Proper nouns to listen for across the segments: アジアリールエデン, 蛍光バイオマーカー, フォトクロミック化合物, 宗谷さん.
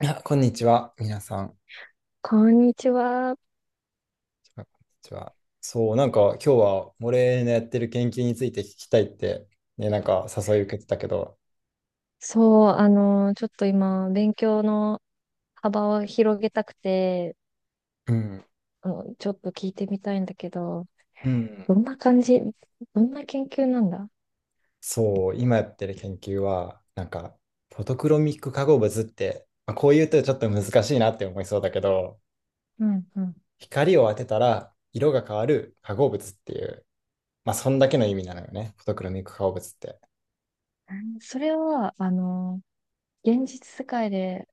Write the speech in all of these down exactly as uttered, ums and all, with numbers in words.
いや、こんにちは、皆さん。こんこんにちは。にちは。そう、なんか今日は俺のやってる研究について聞きたいって、ね、なんか誘い受けてたけど、そう、あの、ちょっと今、勉強の幅を広げたくて、うん、あの、ちょっと聞いてみたいんだけど、うん、どんな感じ、どんな研究なんだ？そう、今やってる研究は、なんか、フォトクロミック化合物って、まあ、こう言うとちょっと難しいなって思いそうだけど、うんうん。光を当てたら色が変わる化合物っていう、まあ、そんだけの意味なのよね、フォトクロミック化合物って。それは、あの、現実世界で、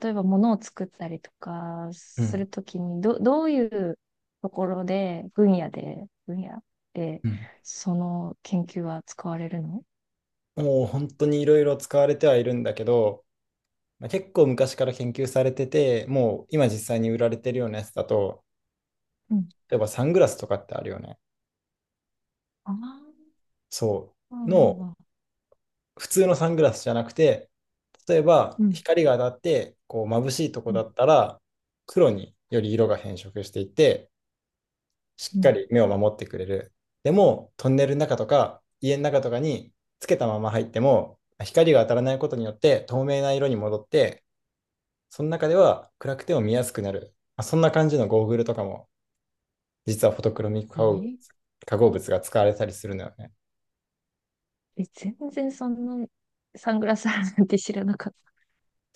例えば物を作ったりとかうすん、るときに、ど、どういうところで、分野で、分野で、うん。その研究は使われるの？もう本当にいろいろ使われてはいるんだけど、まあ、結構昔から研究されてて、もう今実際に売られてるようなやつだと、うん。例えばサングラスとかってあるよね。ああ、そうう。んうの、ん普通のサングラスじゃなくて、例えばうん。うん光が当たってこう眩しいとこうだんったら、黒により色が変色していって、しっうかん。り目を守ってくれる。でも、トンネルの中とか家の中とかにつけたまま入っても、光が当たらないことによって透明な色に戻って、その中では暗くても見やすくなる。まあそんな感じのゴーグルとかも実はフォトクロミック化合物ええ化合物が使われたりするのよね。え、全然そんなサングラスあるなんて知らなかった。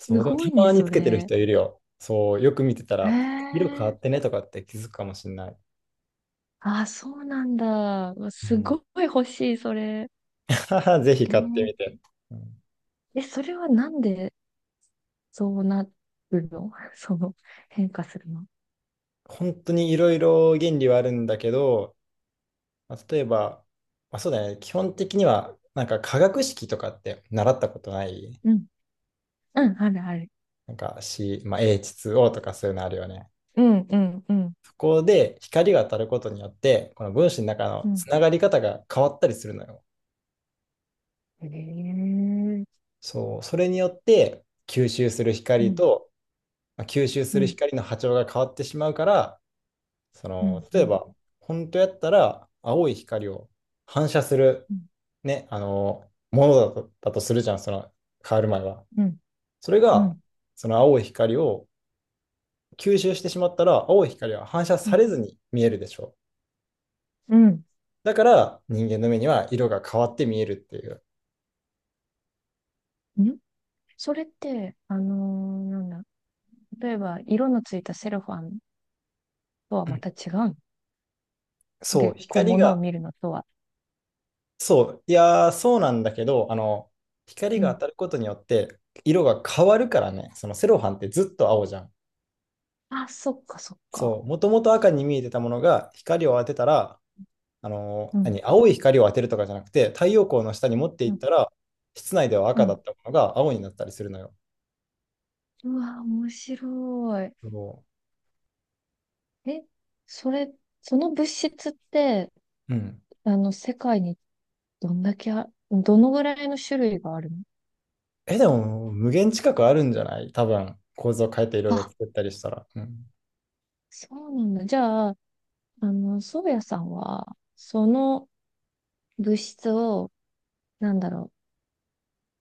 すう、でもごたいね、まにそつけてるれ。人いるよ。そう、よく見てたへら、色変わえ。ってねとかって気づくかもしれない。あ、そうなんだ。うわうすん、ごい欲しい、それ。ぜひえ買ってー、みて。うん、え、それはなんでそうなるの？ その変化するの？本当にいろいろ原理はあるんだけど、まあ、例えば、まあ、そうだね、基本的には、なんか化学式とかって習ったことない？うん。うん、あるある。なんか C、まあ、エイチツーオー とかそういうのあるよね。うん、うん、うん、そこで光が当たることによって、この分子の中うのつん。ながり方が変わったりするのよ。へえ。そう、それによって吸収するう光ん、と、まあ、吸収すうるん、光の波長が変わってしまうから、そうの、ん、う例えん、ば、本当やったら青い光を反射する、うん、ね、あの、ものだと、だとするじゃん、その変わる前は。うん、それうん、が、うその青い光を吸収してしまったら、青い光は反射さん。れずに見えるでしょう。うだから、人間の目には色が変わって見えるっていう。んん、それって、あのーなんだ。例えば、色のついたセロファンとはまた違う。そう、で、こう、光ものをが見るのとは。そう、いやー、そうなんだけど、あの、光うが当ん。たることによって色が変わるからね、そのセロハンってずっと青じゃん。あ、そっか、そっそか。う、もともと赤に見えてたものが光を当てたら、あのうーん、何、青い光を当てるとかじゃなくて、太陽光の下に持ってういっん、たら、室内ではう赤だっん。たものが青になったりするのよ。うわ、面白そい。え、それ、その物質って、う。うん。あの、世界にどんだけあ、どのぐらいの種類があるの？え、でも、無限近くあるんじゃない多分、構造変えていろいろあ、作ったりしたら。うん。そうなんだ。じゃあ、あの、宗谷さんは、その物質を、なんだろ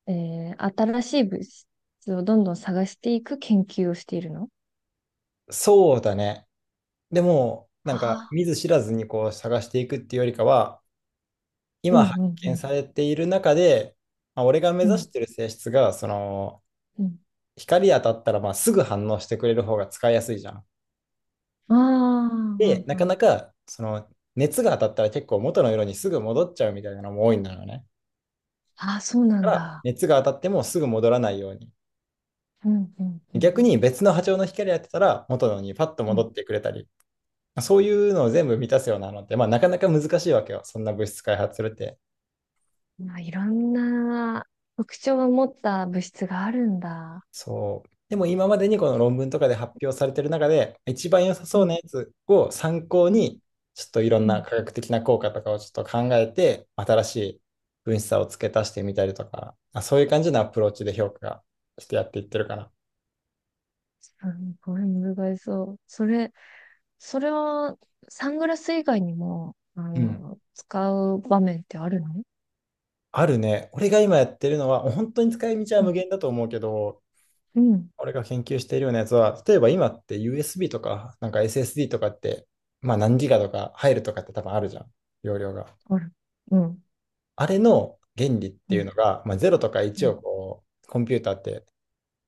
う、えー、新しい物質をどんどん探していく研究をしているの？そうだね。でも、なんかああ見ず知らずにこう探していくっていうよりかは、ー、うん、今う発ん、う見ん、されている中で、まあ、俺が目う指しん、てる性質が、その、うん。光当たったらまあすぐ反応してくれる方が使いやすいじゃん。ああ、うで、んなうかん。なか、その、熱が当たったら結構元の色にすぐ戻っちゃうみたいなのも多いんだよね。ああ、そうなだんから、だ。熱が当たってもすぐ戻らないように。うん、うん、うん。逆に別の波長の光当てたら元のにパッとう戻ん。ってくれたり、そういうのを全部満たすようなのって、まあ、なかなか難しいわけよ。そんな物質開発するって。まあ、いろんな特徴を持った物質があるんだ。そう。でも今までにこの論文とかで発表されてる中で、一番良さうそうなん、やつを参考うん、に、ちょっといろんうなん。科学的な効果とかをちょっと考えて、新しい分子差を付け足してみたりとか、あ、そういう感じのアプローチで評価がしてやっていってるかな。すごい難しそう。それ、それはサングラス以外にも、あうん。の、使う場面ってあるの？あるね。俺が今やってるのは、本当に使い道はう無ん、限だと思うけど、うん、俺が研究しているようなやつは、例えば今って ユーエスビー とか、なんか エスエスディー とかって、まあ何ギガとか入るとかって多分あるじゃん。容量が。ある。うん、あれの原理っうていうのん、が、まあ、ゼロとかういちん、をこう、コンピューターって、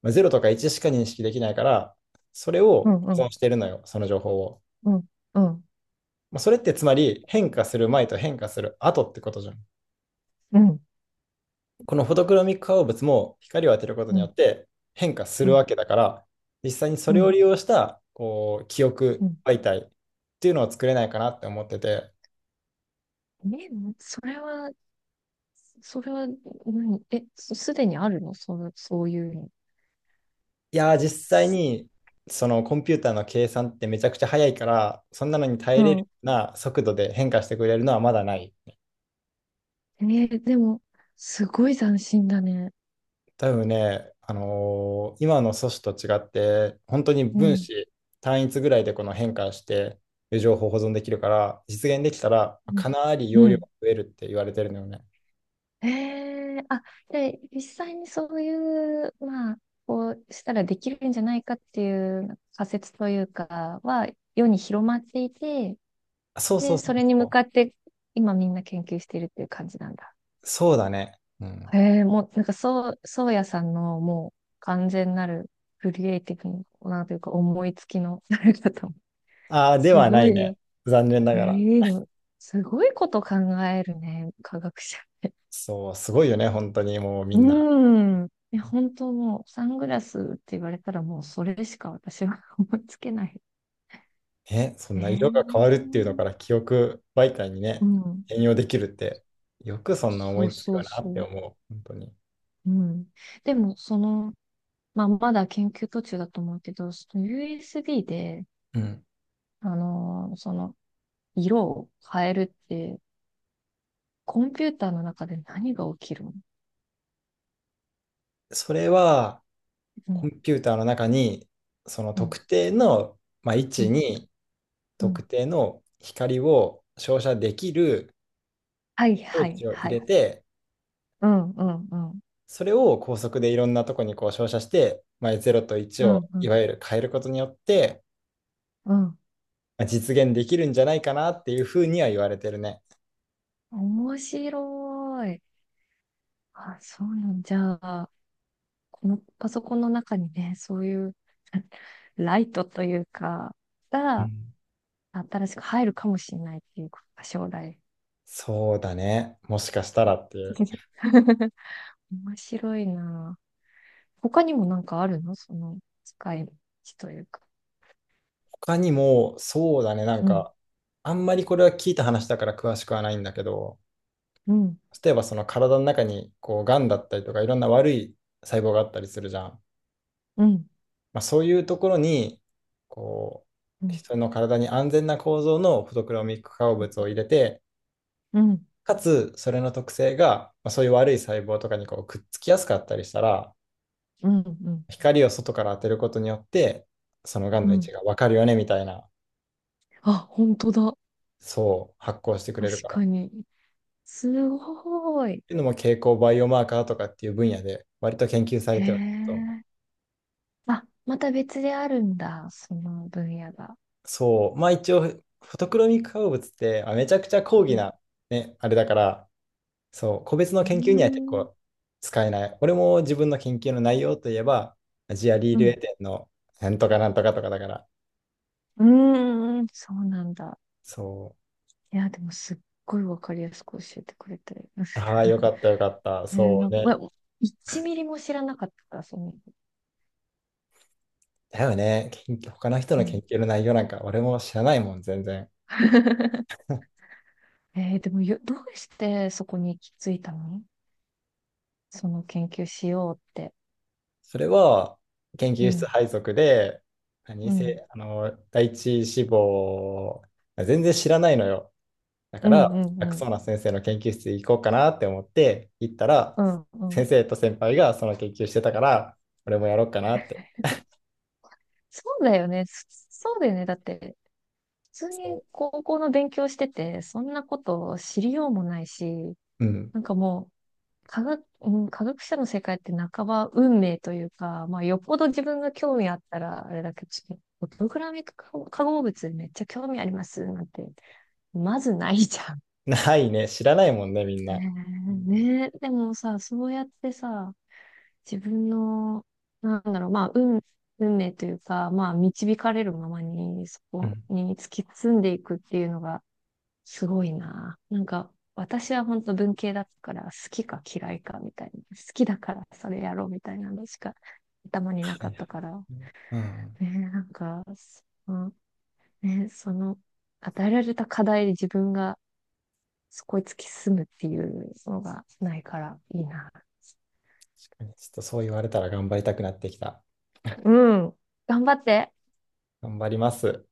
まあ、ゼロとかいちしか認識できないから、それうをん、う保ん、存してるのよ、その情報を。うん、うん、まあ、それってつまり変化する前と変化する後ってことじゃん。うん、このフォトクロミック化合物も光を当てることうによん、って変化するわけだから、実際にそうれをん。利用したこう記う憶ん、媒体っていうのを作れないかなって思ってて、え、それは、それは、うん、え、すすでにあるの、その、そういうの？いやー、実際すに、そのコンピューターの計算ってめちゃくちゃ早いから、そんなのに耐うえれるよん。うな速度で変化してくれるのはまだない。えーでも、すごい斬新だね。多分ね、あのー今の素子と違って、本当にう分ん。子単一ぐらいでこの変化して、情報保存できるから、実現できたら、うん。かなりう容量ん、が増えるって言われてるのよね。えー、あ、で、実際にそういう、まあ、こうしたらできるんじゃないかっていう仮説というかは、世に広まっていて、そうそで、うそそうれに向そかっう。て、今みんな研究しているっていう感じなんだ。そうだね。うん。へえ、もう、なんか、そう、そうやさんの、もう、完全なる、クリエイティブなというか、思いつきの、誰かと。ああ、ですはなごいいね。ね。残念ながら。ええでも、すごいこと考えるね、科学者。そう、すごいよね、本当にもうみうんな。ーん。いや、本当もう、サングラスって言われたら、もう、それしか私は 思いつけない。ね、そんな色が変わるっええていうのから記憶媒体にうね、ん。転用できるって、よくそんな思そういつくそようなそってう。思う、本当に。うん。でも、その、まあ、まだ研究途中だと思うけど、その ユーエスビー で、うん。あのーその、色を変えるって、コンピューターの中で何が起きるの？それは、うコん、ンピューターの中に、そのうん、特定の、まあ、位う置ん、にう特ん。定の光を照射できるはい、装はい、置を入はれい。て、うん、うん、うん、それを高速でいろんなとこにこう照射して、まあ、ゼロといちうん、をういん、わゆる変えることによって、うん。まあ実現できるんじゃないかなっていうふうには言われてるね。面白い。あ、そうなんじゃあ、このパソコンの中にね、そういうライトというか、うがん。新しく入るかもしれないっていうことか、将来。そうだね。もしかしたらっていう。面白いな。他にもなんかあるの、その使い道というか。他にも、そうだね。なんうん、か、あんまりこれは聞いた話だから詳しくはないんだけど、うん、例えばその体の中に、こう、癌だったりとか、いろんな悪い細胞があったりするじゃん。うん、まあ、そういうところに、こうう、ん。人の体に安全な構造のフォトクロミック化合物を入れて、うん、かつ、それの特性が、まあ、そういう悪い細胞とかにこうくっつきやすかったりしたら、うん、うん、光を外から当てることによって、その癌うの位置ん。がわかるよね、みたいな。あ、本当だ。そう、発酵してくれ確るから。っかに。すごい。ていうのも蛍光バイオマーカーとかっていう分野で割と研究されへてはいると思う。え。あ、また別であるんだ。その分野が。そう、まあ一応、フォトクロミック化合物ってあめちゃくちゃ高う義ん。な、ね、あれだから、そう、個別のう研究には結ーん。構使えない。俺も自分の研究の内容といえば、アジアリーうルエん。デンのなんとかなんとかとかだから、うーん。そうなんだ。そいや、でもすっごいわかりやすく教えてくれて。う、ああ、よかったよかった、えー、そなうんか、うね。わいちミリも知らなかったから、その。だよね、研究、他の人うの研ん。究の内容なんか俺も知らないもん、全然。えー、でもよ、どうしてそこに行き着いたの？その研究しようって。それは研う究室ん。配属で、何うん。せ、あの、第一志望、全然知らないのよ。だかうら、楽んうんそうな先生の研究室行こうかなって思って行ったら、うんうん。先生と先輩がその研究してたから、俺もやろうかなって。そうだよね。そそうだよね。だって、普通そに高校の勉強してて、そんなことを知りようもないし、う。うん。なんかもう、科学、うん、科学者の世界って半ば運命というか、まあ、よっぽど自分が興味あったら、あれだけど、プログラミング化合物めっちゃ興味ありますなんて、まずないじゃん。ないね。知らないもんね、みんね、な。うんえ、ねえでもさ、そうやってさ、自分の、なんだろう、まあ、運、運命というか、まあ、導かれるままに、そうん。はこに突き進んでいくっていうのが、すごいな。なんか、私は本当文系だったから、好きか嫌いかみたいな。好きだからそれやろうみたいなのしか頭にないかはっい。たから。うん。ね、なんか、その、ね、その、与えられた課題で自分がそこへ突き進むっていうのがないからいいな。確かに、ちょっとそう言われたら頑張りたくなってきた。うん。頑張って。頑張ります。